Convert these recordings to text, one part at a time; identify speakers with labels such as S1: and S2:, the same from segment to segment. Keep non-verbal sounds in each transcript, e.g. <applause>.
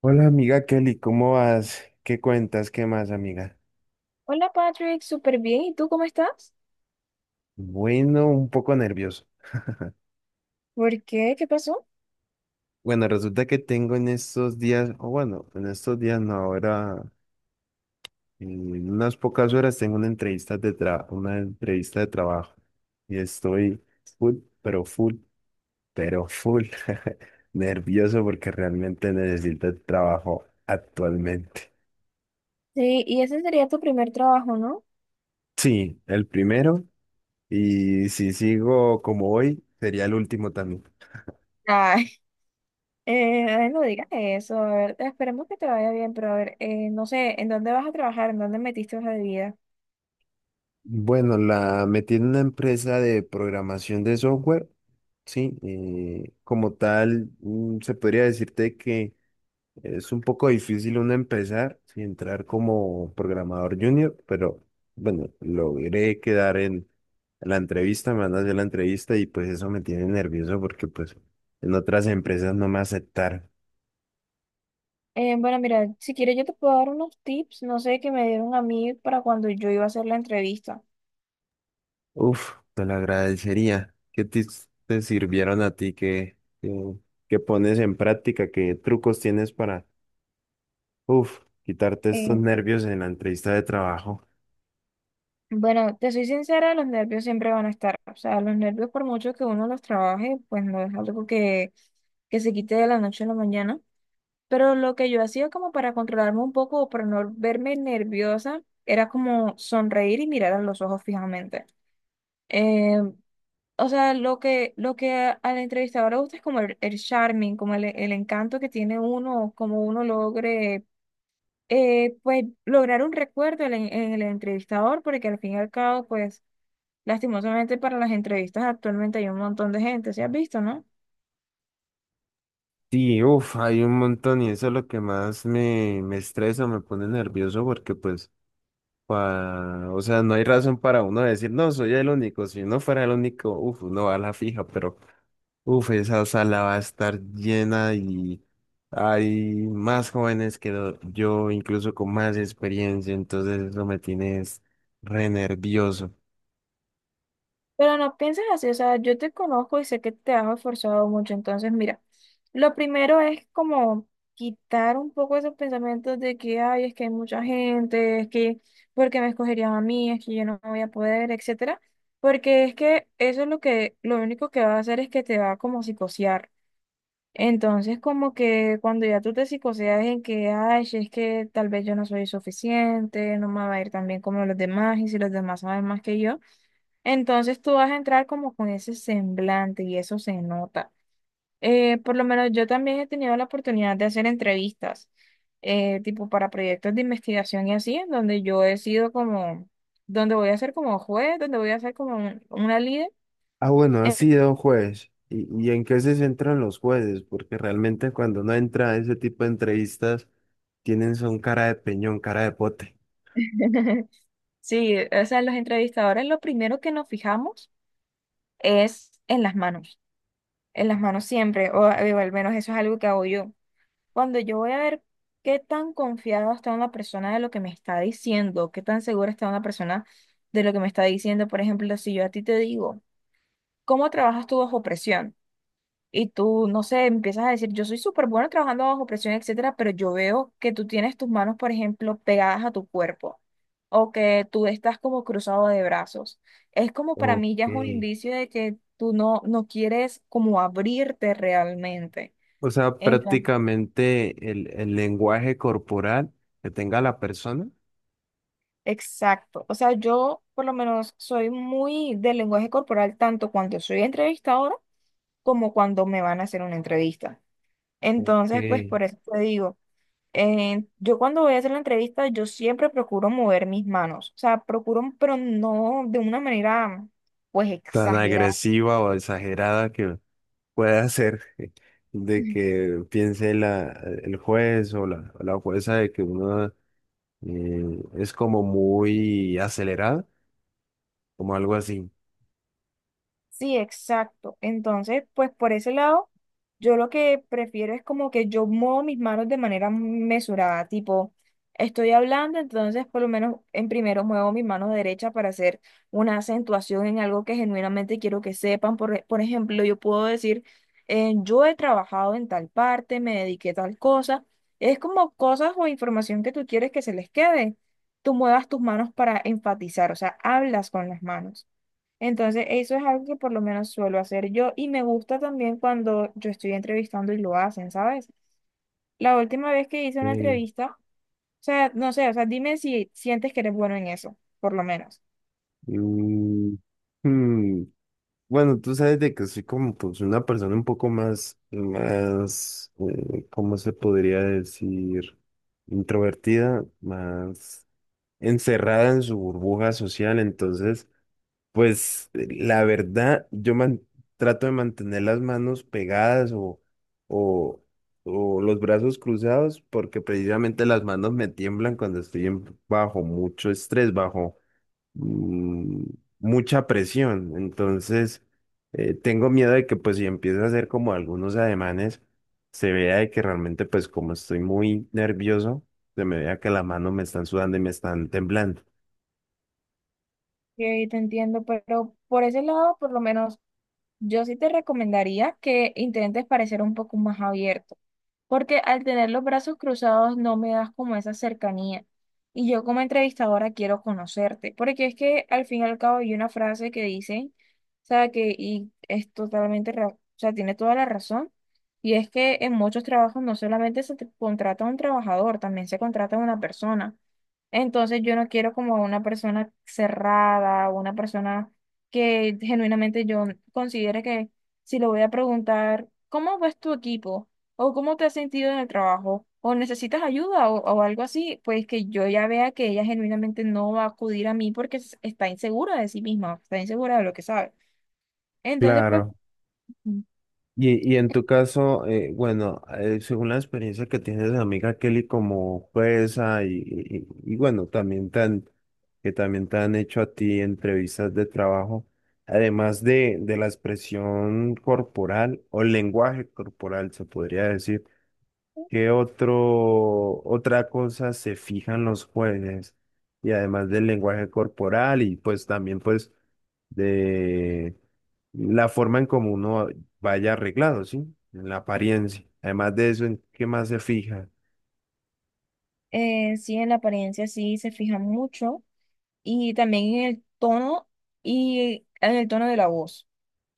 S1: Hola amiga Kelly, ¿cómo vas? ¿Qué cuentas? ¿Qué más, amiga?
S2: Hola Patrick, súper bien. ¿Y tú cómo estás?
S1: Bueno, un poco nervioso.
S2: ¿Por qué? ¿Qué pasó?
S1: Bueno, resulta que tengo en estos días, o bueno, en estos días no, ahora en unas pocas horas tengo una una entrevista de trabajo y estoy full, pero full, pero full <laughs> nervioso porque realmente necesito el trabajo actualmente.
S2: Sí, y ese sería tu primer trabajo, ¿no?
S1: Sí, el primero, y si sigo como hoy, sería el último también.
S2: Ay, <laughs> Ay, no digas eso. A ver, esperemos que te vaya bien, pero a ver, no sé, ¿en dónde vas a trabajar? ¿En dónde metiste hoja de vida?
S1: Bueno, la metí en una empresa de programación de software, sí, como tal, se podría decirte que es un poco difícil uno empezar, sí, entrar como programador junior, pero bueno, logré quedar en la entrevista, me van a hacer la entrevista y pues eso me tiene nervioso porque pues en otras empresas no me aceptaron.
S2: Bueno, mira, si quieres yo te puedo dar unos tips, no sé, que me dieron a mí para cuando yo iba a hacer la entrevista.
S1: Uf, te lo agradecería. ¿Qué tips te sirvieron a ti? ¿Qué pones en práctica? ¿Qué trucos tienes para, uf, quitarte estos
S2: Eh,
S1: nervios en la entrevista de trabajo?
S2: bueno, te soy sincera, los nervios siempre van a estar. O sea, los nervios por mucho que uno los trabaje, pues no es algo que se quite de la noche a la mañana. Pero lo que yo hacía como para controlarme un poco o para no verme nerviosa era como sonreír y mirar a los ojos fijamente. Eh, o sea, lo que al entrevistador le gusta es como el charming, como el encanto que tiene uno, como uno logre, lograr un recuerdo en el entrevistador, porque al fin y al cabo, pues, lastimosamente para las entrevistas actualmente hay un montón de gente, ¿se has visto, no?
S1: Sí, uf, hay un montón y eso es lo que más me estresa, me pone nervioso porque pues, o sea, no hay razón para uno decir, no, soy el único. Si uno fuera el único, uf, uno va a la fija, pero uf, esa sala va a estar llena y hay más jóvenes que yo, incluso con más experiencia, entonces eso me tiene es re nervioso.
S2: Pero no pienses así, o sea, yo te conozco y sé que te has esforzado mucho, entonces mira, lo primero es como quitar un poco esos pensamientos de que, ay, es que hay mucha gente, ¿porque me escogerían a mí? Es que yo no voy a poder, etcétera, porque es que eso es lo que, lo único que va a hacer es que te va a como a psicosear. Entonces, como que cuando ya tú te psicoseas en que, ay, si es que tal vez yo no soy suficiente, no me va a ir tan bien como los demás, y si los demás saben más que yo. Entonces tú vas a entrar como con ese semblante y eso se nota. Por lo menos yo también he tenido la oportunidad de hacer entrevistas, tipo para proyectos de investigación y así, en donde yo he sido como, donde voy a ser como juez, donde voy a ser como una líder.
S1: Ah, bueno, ha sido un juez. ¿Y en qué se centran los jueces? Porque realmente cuando uno entra a ese tipo de entrevistas, tienen son cara de peñón, cara de pote.
S2: <laughs> Sí, o sea, los entrevistadores lo primero que nos fijamos es en las manos siempre, o al menos eso es algo que hago yo. Cuando yo voy a ver qué tan confiado está una persona de lo que me está diciendo, qué tan segura está una persona de lo que me está diciendo, por ejemplo, si yo a ti te digo, ¿cómo trabajas tú bajo presión? Y tú, no sé, empiezas a decir, yo soy súper bueno trabajando bajo presión, etcétera, pero yo veo que tú tienes tus manos, por ejemplo, pegadas a tu cuerpo o que tú estás como cruzado de brazos. Es como para mí ya
S1: Ok.
S2: es un indicio de que tú no, no quieres como abrirte realmente.
S1: O sea, prácticamente el lenguaje corporal que tenga la persona.
S2: Exacto. O sea, yo por lo menos soy muy del lenguaje corporal tanto cuando soy entrevistadora como cuando me van a hacer una entrevista.
S1: Ok.
S2: Entonces, pues por eso te digo, yo cuando voy a hacer la entrevista, yo siempre procuro mover mis manos. O sea, procuro, pero no de una manera pues
S1: Tan
S2: exagerada.
S1: agresiva o exagerada que puede hacer <laughs> de
S2: <laughs>
S1: que piense el juez o la jueza de que uno es como muy acelerada, como algo así.
S2: Sí, exacto. Entonces, pues por ese lado, yo lo que prefiero es como que yo muevo mis manos de manera mesurada, tipo, estoy hablando, entonces por lo menos en primero muevo mis manos derecha para hacer una acentuación en algo que genuinamente quiero que sepan. Por, por ejemplo, yo puedo decir, yo he trabajado en tal parte, me dediqué a tal cosa. Es como cosas o información que tú quieres que se les quede. Tú muevas tus manos para enfatizar, o sea, hablas con las manos. Entonces, eso es algo que por lo menos suelo hacer yo y me gusta también cuando yo estoy entrevistando y lo hacen, ¿sabes? La última vez que hice una
S1: Eh,
S2: entrevista, o sea, no sé, o sea, dime si sientes que eres bueno en eso, por lo menos.
S1: mm, hmm, Bueno, tú sabes de que soy como pues una persona un poco más, ¿cómo se podría decir? Introvertida, más encerrada en su burbuja social, entonces... Pues la verdad, trato de mantener las manos pegadas o, o los brazos cruzados porque precisamente las manos me tiemblan cuando bajo mucho estrés, bajo mm, mucha presión. Entonces, tengo miedo de que pues si empiezo a hacer como algunos ademanes, se vea de que realmente pues como estoy muy nervioso, se me vea que las manos me están sudando y me están temblando.
S2: Que te entiendo, pero por ese lado, por lo menos yo sí te recomendaría que intentes parecer un poco más abierto, porque al tener los brazos cruzados no me das como esa cercanía. Y yo como entrevistadora quiero conocerte, porque es que al fin y al cabo hay una frase que dice, o sea, que y es totalmente, o sea, tiene toda la razón, y es que en muchos trabajos no solamente se te contrata a un trabajador, también se contrata a una persona. Entonces yo no quiero como una persona cerrada, una persona que genuinamente yo considere que si le voy a preguntar, ¿cómo ves tu equipo? ¿O cómo te has sentido en el trabajo? ¿O necesitas ayuda o algo así? Pues que yo ya vea que ella genuinamente no va a acudir a mí porque está insegura de sí misma, está insegura de lo que sabe. Entonces, pues,
S1: Claro.
S2: mm,
S1: Y en tu caso, bueno, según la experiencia que tienes de amiga Kelly como jueza bueno, que también te han hecho a ti entrevistas de trabajo, además de la expresión corporal o lenguaje corporal, se podría decir, otra cosa se fijan los jueces? Y además del lenguaje corporal y pues también pues de la forma en cómo uno vaya arreglado, ¿sí? En la apariencia. Además de eso, ¿en qué más se fija? <laughs>
S2: sí, en la apariencia sí se fija mucho. Y también en el tono y en el tono de la voz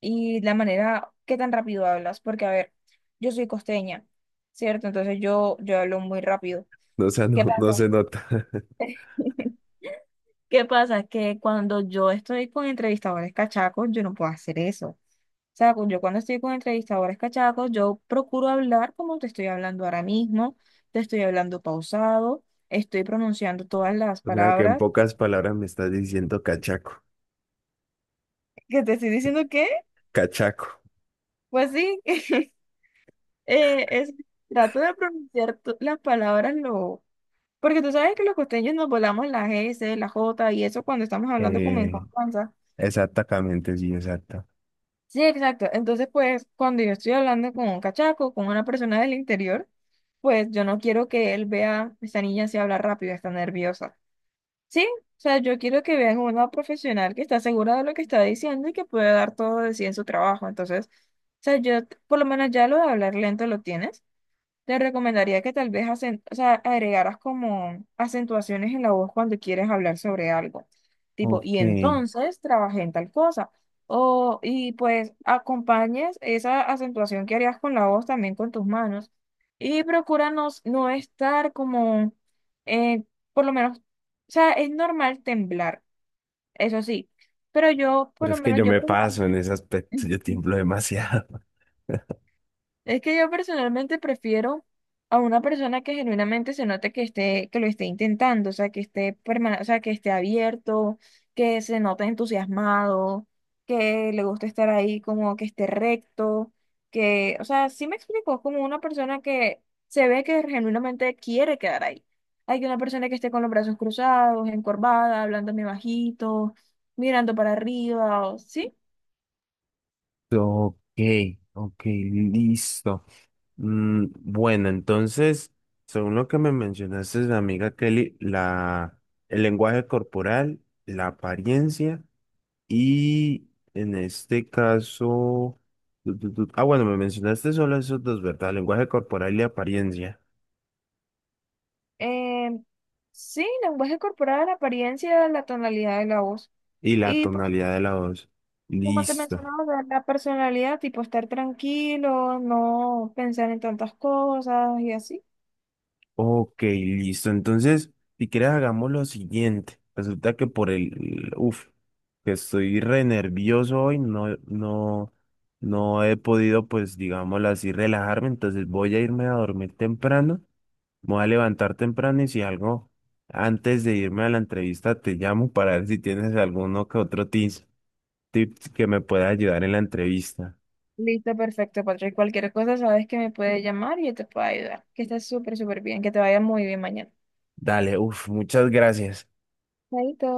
S2: y la manera que tan rápido hablas, porque a ver, yo soy costeña, ¿cierto? Entonces yo hablo muy rápido.
S1: No, o sea,
S2: ¿Qué
S1: no, no
S2: pasa?
S1: se nota. <laughs>
S2: <laughs> ¿Qué pasa? Que cuando yo estoy con entrevistadores cachacos, yo no puedo hacer eso. O sea, yo cuando estoy con entrevistadores cachacos, yo procuro hablar como te estoy hablando ahora mismo, te estoy hablando pausado, estoy pronunciando todas las
S1: O sea, que en
S2: palabras.
S1: pocas palabras me estás diciendo cachaco.
S2: <laughs> Que te estoy diciendo que,
S1: Cachaco.
S2: pues sí. <laughs> Eh, es, Trato de pronunciar las palabras lo... Porque tú sabes que los costeños nos volamos las S, la J y eso cuando estamos hablando como en
S1: Eh,
S2: confianza.
S1: exactamente, sí, exacto.
S2: Sí, exacto. Entonces, pues, cuando yo estoy hablando con un cachaco, con una persona del interior, pues yo no quiero que él vea, esta niña se habla rápido, está nerviosa. Sí, o sea, yo quiero que vean una profesional que está segura de lo que está diciendo y que puede dar todo de sí en su trabajo. Entonces, o sea, yo por lo menos ya lo de hablar lento lo tienes. Te recomendaría que tal vez o sea, agregaras como acentuaciones en la voz cuando quieres hablar sobre algo. Tipo, y
S1: Ok.
S2: entonces trabajé en tal cosa. O, y pues acompañes esa acentuación que harías con la voz también con tus manos. Y procura no, no estar como, eh, o sea, es normal temblar, eso sí. Pero yo, por
S1: Pero
S2: lo
S1: es que
S2: menos,
S1: yo
S2: yo
S1: me
S2: procuro.
S1: paso en ese aspecto, <laughs> yo
S2: <laughs>
S1: tiemblo demasiado. <laughs>
S2: Es que yo personalmente prefiero a una persona que genuinamente se note que esté, que lo esté intentando, o sea, que esté o sea, que esté abierto, que se note entusiasmado, que le guste estar ahí, como que esté recto, que, o sea, sí me explico, como una persona que se ve que genuinamente quiere quedar ahí. Hay que una persona que esté con los brazos cruzados, encorvada, hablando muy bajito, mirando para arriba, o- ¿sí?
S1: Ok, ok, listo. Mm, bueno, entonces, según lo que me mencionaste, amiga Kelly, el lenguaje corporal, la apariencia y en este caso, ah, bueno, me mencionaste solo esos dos, ¿verdad? Lenguaje corporal y apariencia
S2: Em, sí, lenguaje corporal, apariencia, la tonalidad de la voz.
S1: y la
S2: Y pues,
S1: tonalidad de la voz.
S2: como te
S1: Listo.
S2: mencionaba, la personalidad, tipo estar tranquilo, no pensar en tantas cosas y así.
S1: Ok, listo. Entonces, si quieres, hagamos lo siguiente. Resulta que por el, uf, que estoy re nervioso hoy, no he podido, pues, digámoslo así, relajarme. Entonces voy a irme a dormir temprano, me voy a levantar temprano y si algo, antes de irme a la entrevista, te llamo para ver si tienes alguno que otro tips, tips que me pueda ayudar en la entrevista.
S2: Listo, perfecto, Patrick. Cualquier cosa sabes que me puedes llamar y yo te puedo ayudar. Que estés súper, súper bien, que te vaya muy bien mañana.
S1: Dale, uf, muchas gracias.
S2: Chaito.